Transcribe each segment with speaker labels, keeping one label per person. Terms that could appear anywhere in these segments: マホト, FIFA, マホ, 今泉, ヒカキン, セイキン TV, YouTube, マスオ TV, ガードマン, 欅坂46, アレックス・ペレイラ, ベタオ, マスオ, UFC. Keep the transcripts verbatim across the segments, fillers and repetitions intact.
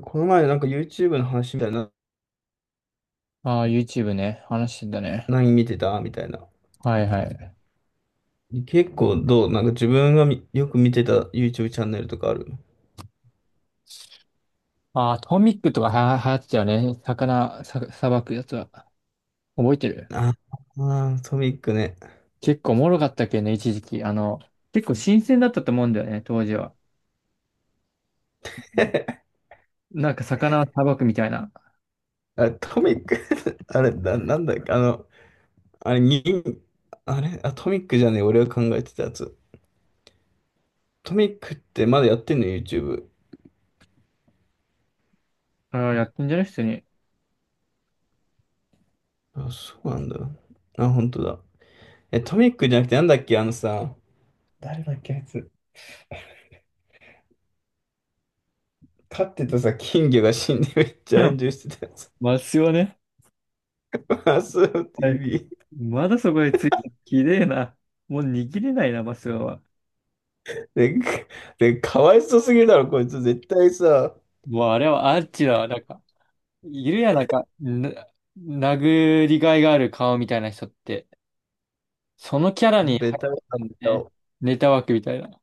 Speaker 1: この前なんか ユーチューブ の話みたいな、
Speaker 2: ああ、ユーチューブ ね。話してたね。
Speaker 1: 何見てたみたいな。
Speaker 2: はいはい。
Speaker 1: 結構どうなんか自分がみよく見てた YouTube チャンネルとかある？
Speaker 2: ああ、トミックとかは流行ってたよね。魚、さ、さばくやつは。覚えてる？
Speaker 1: ああー、トミックね。
Speaker 2: 結構おもろかったっけね、一時期。あの、結構新鮮だったと思うんだよね、当時は。なんか魚さばくみたいな。
Speaker 1: あれ、トミック。 あれ、な、なんだっけ、あの、あれ、に、あれ、あ、トミックじゃねえ、俺が考えてたやつ。トミックってまだやってんの？ YouTube。
Speaker 2: ああ、やってんじゃない普通に。
Speaker 1: あ、そうなんだ。あ、本当だ。え、トミックじゃなくてなんだっけ、あのさ、誰だっけ、あいつ。飼ってたさ、金魚が死んでめっちゃ炎 上してたやつ。
Speaker 2: マスオね。
Speaker 1: マスオ
Speaker 2: はい。
Speaker 1: ティーブイ。
Speaker 2: まだそこについて、綺麗な。もう握れないな、マスオは。
Speaker 1: で、で、かわいそうすぎるだろ、こいつ。絶対さ、
Speaker 2: もうあれはアーチだわ、なんか。いるやん、なんか、な、殴りがいがある顔みたいな人って。そのキャラに
Speaker 1: ベ
Speaker 2: 入
Speaker 1: タオ
Speaker 2: っ
Speaker 1: だ、
Speaker 2: て
Speaker 1: ベ
Speaker 2: る
Speaker 1: タ
Speaker 2: ね。
Speaker 1: オ。
Speaker 2: ネタ枠みたいな。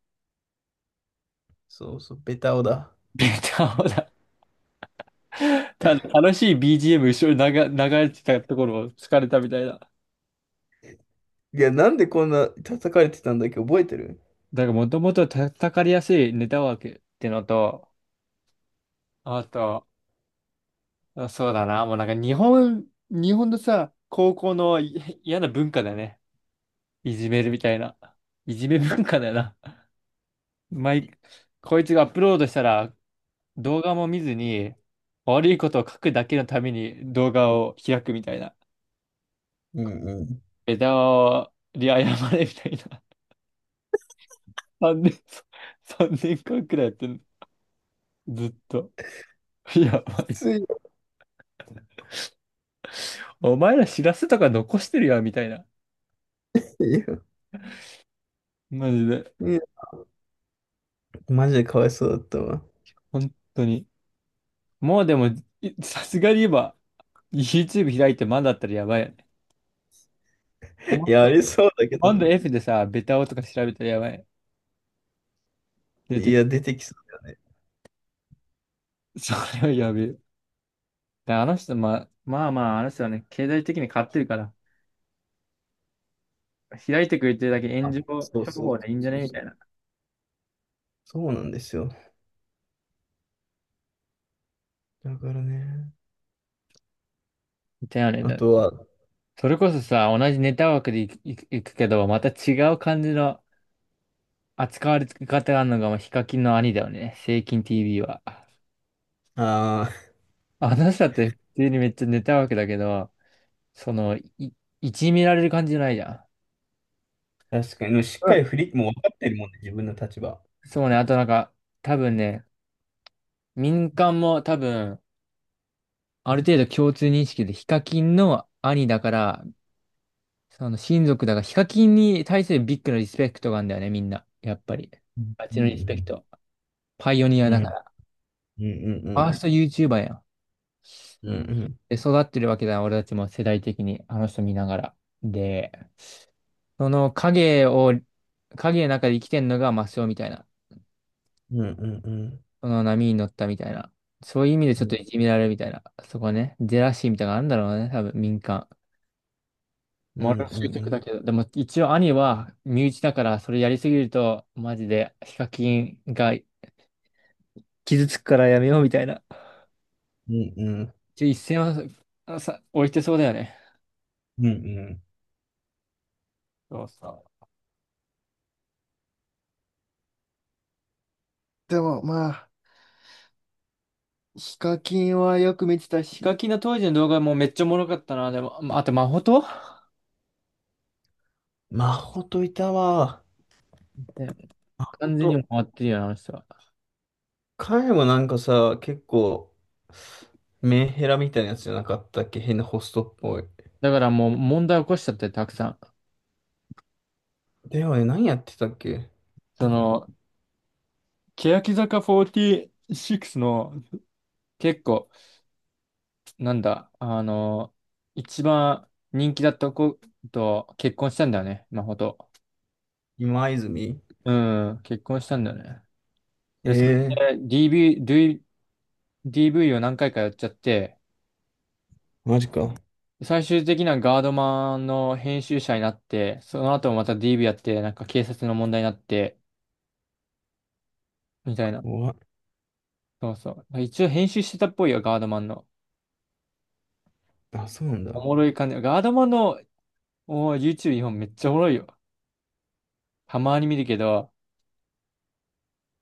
Speaker 1: そうそう、ベタオだ。
Speaker 2: ネタをだ。ただ楽しい ビージーエム 後ろに流、流れてたところを疲れたみたいな。
Speaker 1: いや、なんでこんな叩かれてたんだっけ、覚えてる？
Speaker 2: だからもともと叩かれやすいネタ枠ってのと、あと、あそうだな、もうなんか日本、日本のさ、高校のい嫌な文化だよね。いじめるみたいな。いじめ文化だよな。毎、こいつがアップロードしたら動画も見ずに悪いことを書くだけのために動画を開くみたいな。
Speaker 1: うんうん。
Speaker 2: 枝に謝れみたいな。さんねん、さんねんかんくらいやってんの。ずっと。いや、ば
Speaker 1: き
Speaker 2: い
Speaker 1: ついよ。
Speaker 2: お前ら知らせとか残してるよ、みたいな。マジで。
Speaker 1: いや、いや、マジでかわいそうだったわ。
Speaker 2: 本当に。もうでも、いさすがに今、YouTube 開いてまだだったらやばいよね。コマ
Speaker 1: いや、あ
Speaker 2: コ
Speaker 1: りそうだけど
Speaker 2: マンド
Speaker 1: な。
Speaker 2: F でさ、ベタをとか調べたらやばい。出
Speaker 1: い
Speaker 2: てき
Speaker 1: や、出てきそうだよね。
Speaker 2: それはやべえ。であの人、まあ、まあまあ、あの人はね、経済的に買ってるから、開いてくれてるだけ炎
Speaker 1: あ、
Speaker 2: 上
Speaker 1: そう
Speaker 2: 処
Speaker 1: そう
Speaker 2: 方でいいんじゃ
Speaker 1: そ
Speaker 2: ね
Speaker 1: う
Speaker 2: み
Speaker 1: そ
Speaker 2: た
Speaker 1: う。
Speaker 2: いな。
Speaker 1: そうなんですよ。だからね。
Speaker 2: みたいな
Speaker 1: あ
Speaker 2: ね。
Speaker 1: とは、
Speaker 2: それこそさ、同じネタ枠でいく、いくいくけど、また違う感じの扱われ方があるのが、まあ、ヒカキンの兄だよね。セイキン ティービー は。
Speaker 1: あ
Speaker 2: あの人だって普通にめっちゃネタ枠だけど、その、い、いじめられる感じじゃないじゃ。
Speaker 1: あ、確かに、しっ
Speaker 2: うんう
Speaker 1: かり振
Speaker 2: ん。
Speaker 1: り、もう分かってるもんね、自分の立場。
Speaker 2: そうね、あとなんか、多分ね、民間も多分、ある程度共通認識でヒカキンの兄だから、その親族だから、ヒカキンに対するビッグなリスペクトがあるんだよね、みんな。やっぱり。
Speaker 1: うん
Speaker 2: あっ
Speaker 1: う
Speaker 2: ちのリスペク
Speaker 1: ん
Speaker 2: ト。パイオニア
Speaker 1: う
Speaker 2: だ
Speaker 1: ん。
Speaker 2: から。
Speaker 1: うんうんうん
Speaker 2: フ
Speaker 1: う
Speaker 2: ァース
Speaker 1: ん。
Speaker 2: ト ユーチューバー やん。
Speaker 1: うんうん
Speaker 2: で、育ってるわけだ、俺たちも世代的に、あの人見ながら。で、その影を、影の中で生きてんのがマスオみたいな。
Speaker 1: うんうんうん。
Speaker 2: その波に乗ったみたいな。そういう意味でちょっといじめられるみたいな。そこね、ジェラシーみたいなのがあるんだろうね、多分民間。
Speaker 1: う
Speaker 2: モ
Speaker 1: んう
Speaker 2: ラル
Speaker 1: んう
Speaker 2: 執着だ
Speaker 1: ん。
Speaker 2: けど、でも一応兄は身内だからそれやりすぎると、マジでヒカキンが傷つくからやめようみたいな。
Speaker 1: うんうん。
Speaker 2: 一応一線はさ、置いてそうだよね。
Speaker 1: うんうん。
Speaker 2: そうそう。でもまあ、ヒカキンはよく見てた。ヒカキンの当時の動画もめっちゃおもろかったな。でも、まああと、マホト
Speaker 1: マホといたわ。
Speaker 2: ね。
Speaker 1: ほん
Speaker 2: 完全に
Speaker 1: と、
Speaker 2: もわってるよな、あの人は。
Speaker 1: 彼もなんかさ、結構、メンヘラみたいなやつじゃなかったっけ、変なホストっぽい。
Speaker 2: だからもう問題起こしちゃって、たくさん。
Speaker 1: ではね、何やってたっけ？
Speaker 2: その、欅坂フォーティーシックスの結構、なんだ、あの、一番人気だった子と結婚したんだよね、マホト。
Speaker 1: 今泉。
Speaker 2: うん、結婚したんだよね。
Speaker 1: え
Speaker 2: で、そ
Speaker 1: えー、
Speaker 2: れで ディーブイ、ディーブイ を何回かやっちゃって、
Speaker 1: マジか。
Speaker 2: 最終的なガードマンの編集者になって、その後もまた ディーブイ やって、なんか警察の問題になって、みたいな。
Speaker 1: 怖い。
Speaker 2: そうそう。一応編集してたっぽいよ、ガードマンの。
Speaker 1: あ、そうなん
Speaker 2: お
Speaker 1: だ。
Speaker 2: もろい感じ。ガードマンのおー YouTube 日本めっちゃおもろいよ。たまに見るけど、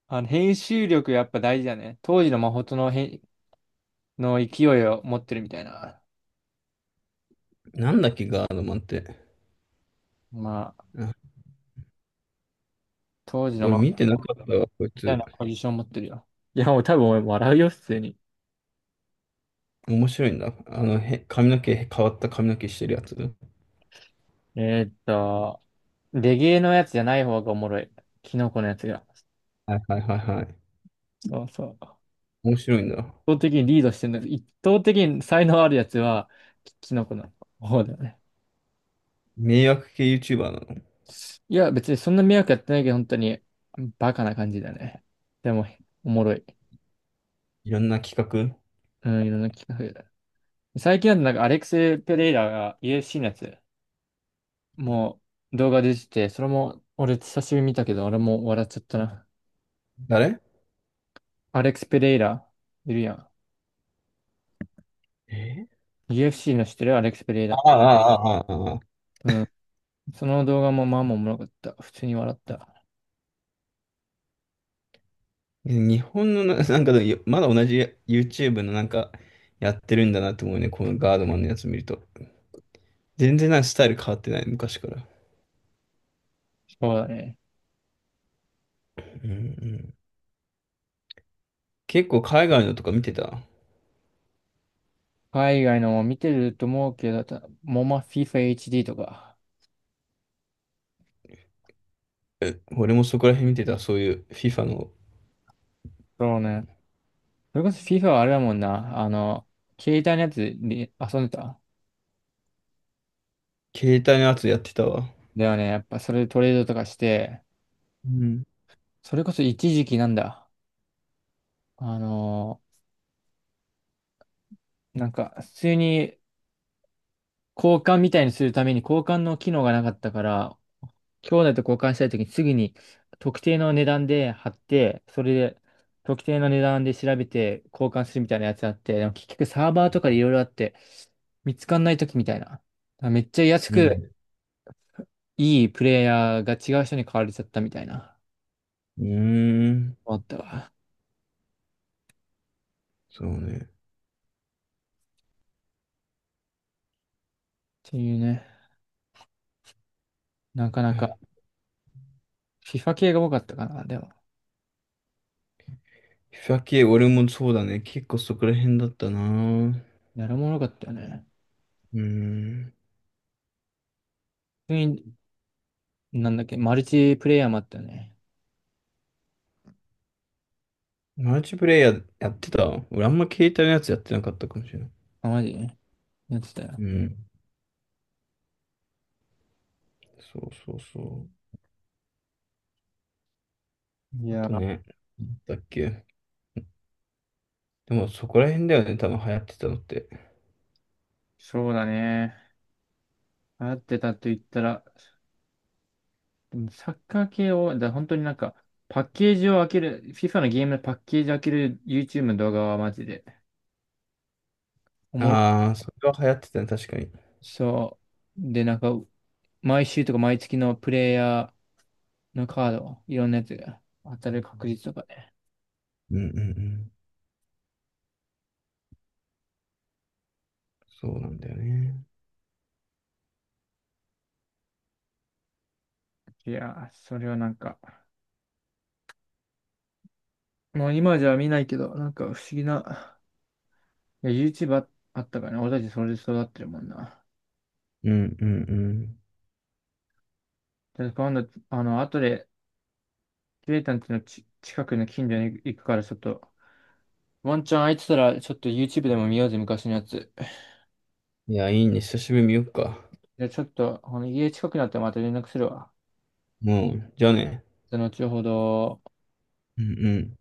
Speaker 2: あの編集力やっぱ大事だね。当時のマホとの編、の勢いを持ってるみたいな。
Speaker 1: なんだっけ、ガードマンって。
Speaker 2: まあ、
Speaker 1: あ、
Speaker 2: 当時の
Speaker 1: 俺
Speaker 2: マ
Speaker 1: 見
Speaker 2: ホ
Speaker 1: てなかったわ、こい
Speaker 2: みたい
Speaker 1: つ。
Speaker 2: なポジション持ってるよ。いや、もう多分俺笑うよ、普通に。
Speaker 1: 面白いんだ。あの、へ、髪の毛、変わった髪の毛してるやつ。は
Speaker 2: えーっと、レゲエのやつじゃない方がおもろい。キノコのやつが。
Speaker 1: いはいはいはい。
Speaker 2: そうそう。圧
Speaker 1: 面白いんだ。
Speaker 2: 倒的にリードしてるんだけど、一方的に才能あるやつは、キキノコの方だよね。
Speaker 1: 迷惑系 ユーチューバー なの？
Speaker 2: いや、別にそんな迷惑やってないけど、本当に、バカな感じだね。でも、おもろい。
Speaker 1: いろんな企画。
Speaker 2: うん、いろんな企画。最近だとなんかアレックス・ペレイラが ユーエフシー のやつ、もう動画出てて、それも俺久しぶりに見たけど、俺も笑っちゃったな。
Speaker 1: 誰？
Speaker 2: アレックス・ペレイラ、いるやん。
Speaker 1: え
Speaker 2: ユーエフシー の知ってるアレックス・ペレイ
Speaker 1: あ
Speaker 2: ラ。
Speaker 1: あ、ああ、ああ、ああ。
Speaker 2: うん。その動画もまあまあおもろかった。普通に笑った。
Speaker 1: 日本のな、なんかでもよまだ同じ YouTube のなんかやってるんだなって思うね。このガードマンのやつ見ると。全然なんかスタイル変わってない、昔から。
Speaker 2: そうだね。
Speaker 1: うんうん、結構海外のとか見てた？
Speaker 2: 海外のも見てると思うけど、たモマ FIFA エイチディー とか。
Speaker 1: え、俺もそこら辺見てた。そういう FIFA の
Speaker 2: そうね。それこそ FIFA はあれだもんな。あの、携帯のやつで遊んでた。
Speaker 1: 携帯のやつやってたわ。
Speaker 2: だよね。やっぱそれでトレードとかして、
Speaker 1: うん。
Speaker 2: それこそ一時期なんだ。あの、なんか普通に交換みたいにするために交換の機能がなかったから、兄弟と交換したいときにすぐに特定の値段で貼って、それで特定の値段で調べて交換するみたいなやつあって、でも結局サーバーとかでいろいろあって、見つかんないときみたいな。だからめっちゃ安
Speaker 1: うん。
Speaker 2: くいいプレイヤーが違う人に買われちゃったみたいな。
Speaker 1: うーん。
Speaker 2: あったわ。っ
Speaker 1: そうね。
Speaker 2: ていうね。なかなか FIFA 系が多かったかな。でも、
Speaker 1: FIFA 系、俺もそうだね。結構そこら辺だったな。
Speaker 2: やるもの多かったよね。
Speaker 1: うーん。
Speaker 2: 普通に、なんだっけ、マルチプレイヤーもあったよね。
Speaker 1: マルチプレイヤーやってた？俺あんま携帯のやつやってなかったかもしれない。
Speaker 2: あ、マジでやってたよ。
Speaker 1: うん。そうそうそう。
Speaker 2: い
Speaker 1: あ
Speaker 2: や、
Speaker 1: とね、なんだっけ。でもそこら辺だよね、多分流行ってたのって。
Speaker 2: そうだね。流行ってたと言ったら、でもサッカー系を、だ本当になんか、パッケージを開ける、FIFA のゲームのパッケージ開ける YouTube の動画はマジで、おもろ
Speaker 1: ああ、それは流行ってたね、確かに。
Speaker 2: そう。で、なんか、毎週とか毎月のプレイヤーのカード、いろんなやつが当たる確率とかね。
Speaker 1: うんうんうん。そうなんだよね。
Speaker 2: いやー、それはなんか、もう今じゃ見ないけど、なんか不思議な、いや、YouTube ああったからね。俺たちそれで育ってるもんな。
Speaker 1: うんうんう
Speaker 2: で今度、あの、後で、ケイタンちのち近くの近所に行くから、ちょっと、ワンチャン空いてたら、ちょっと YouTube でも見ようぜ、昔のやつ。
Speaker 1: ん。いや、いいね。久しぶりに見よっか。
Speaker 2: じゃあちょっと、この家近くなったらまた連絡するわ。
Speaker 1: もう、じゃあね。
Speaker 2: その後ほど。
Speaker 1: うんうん。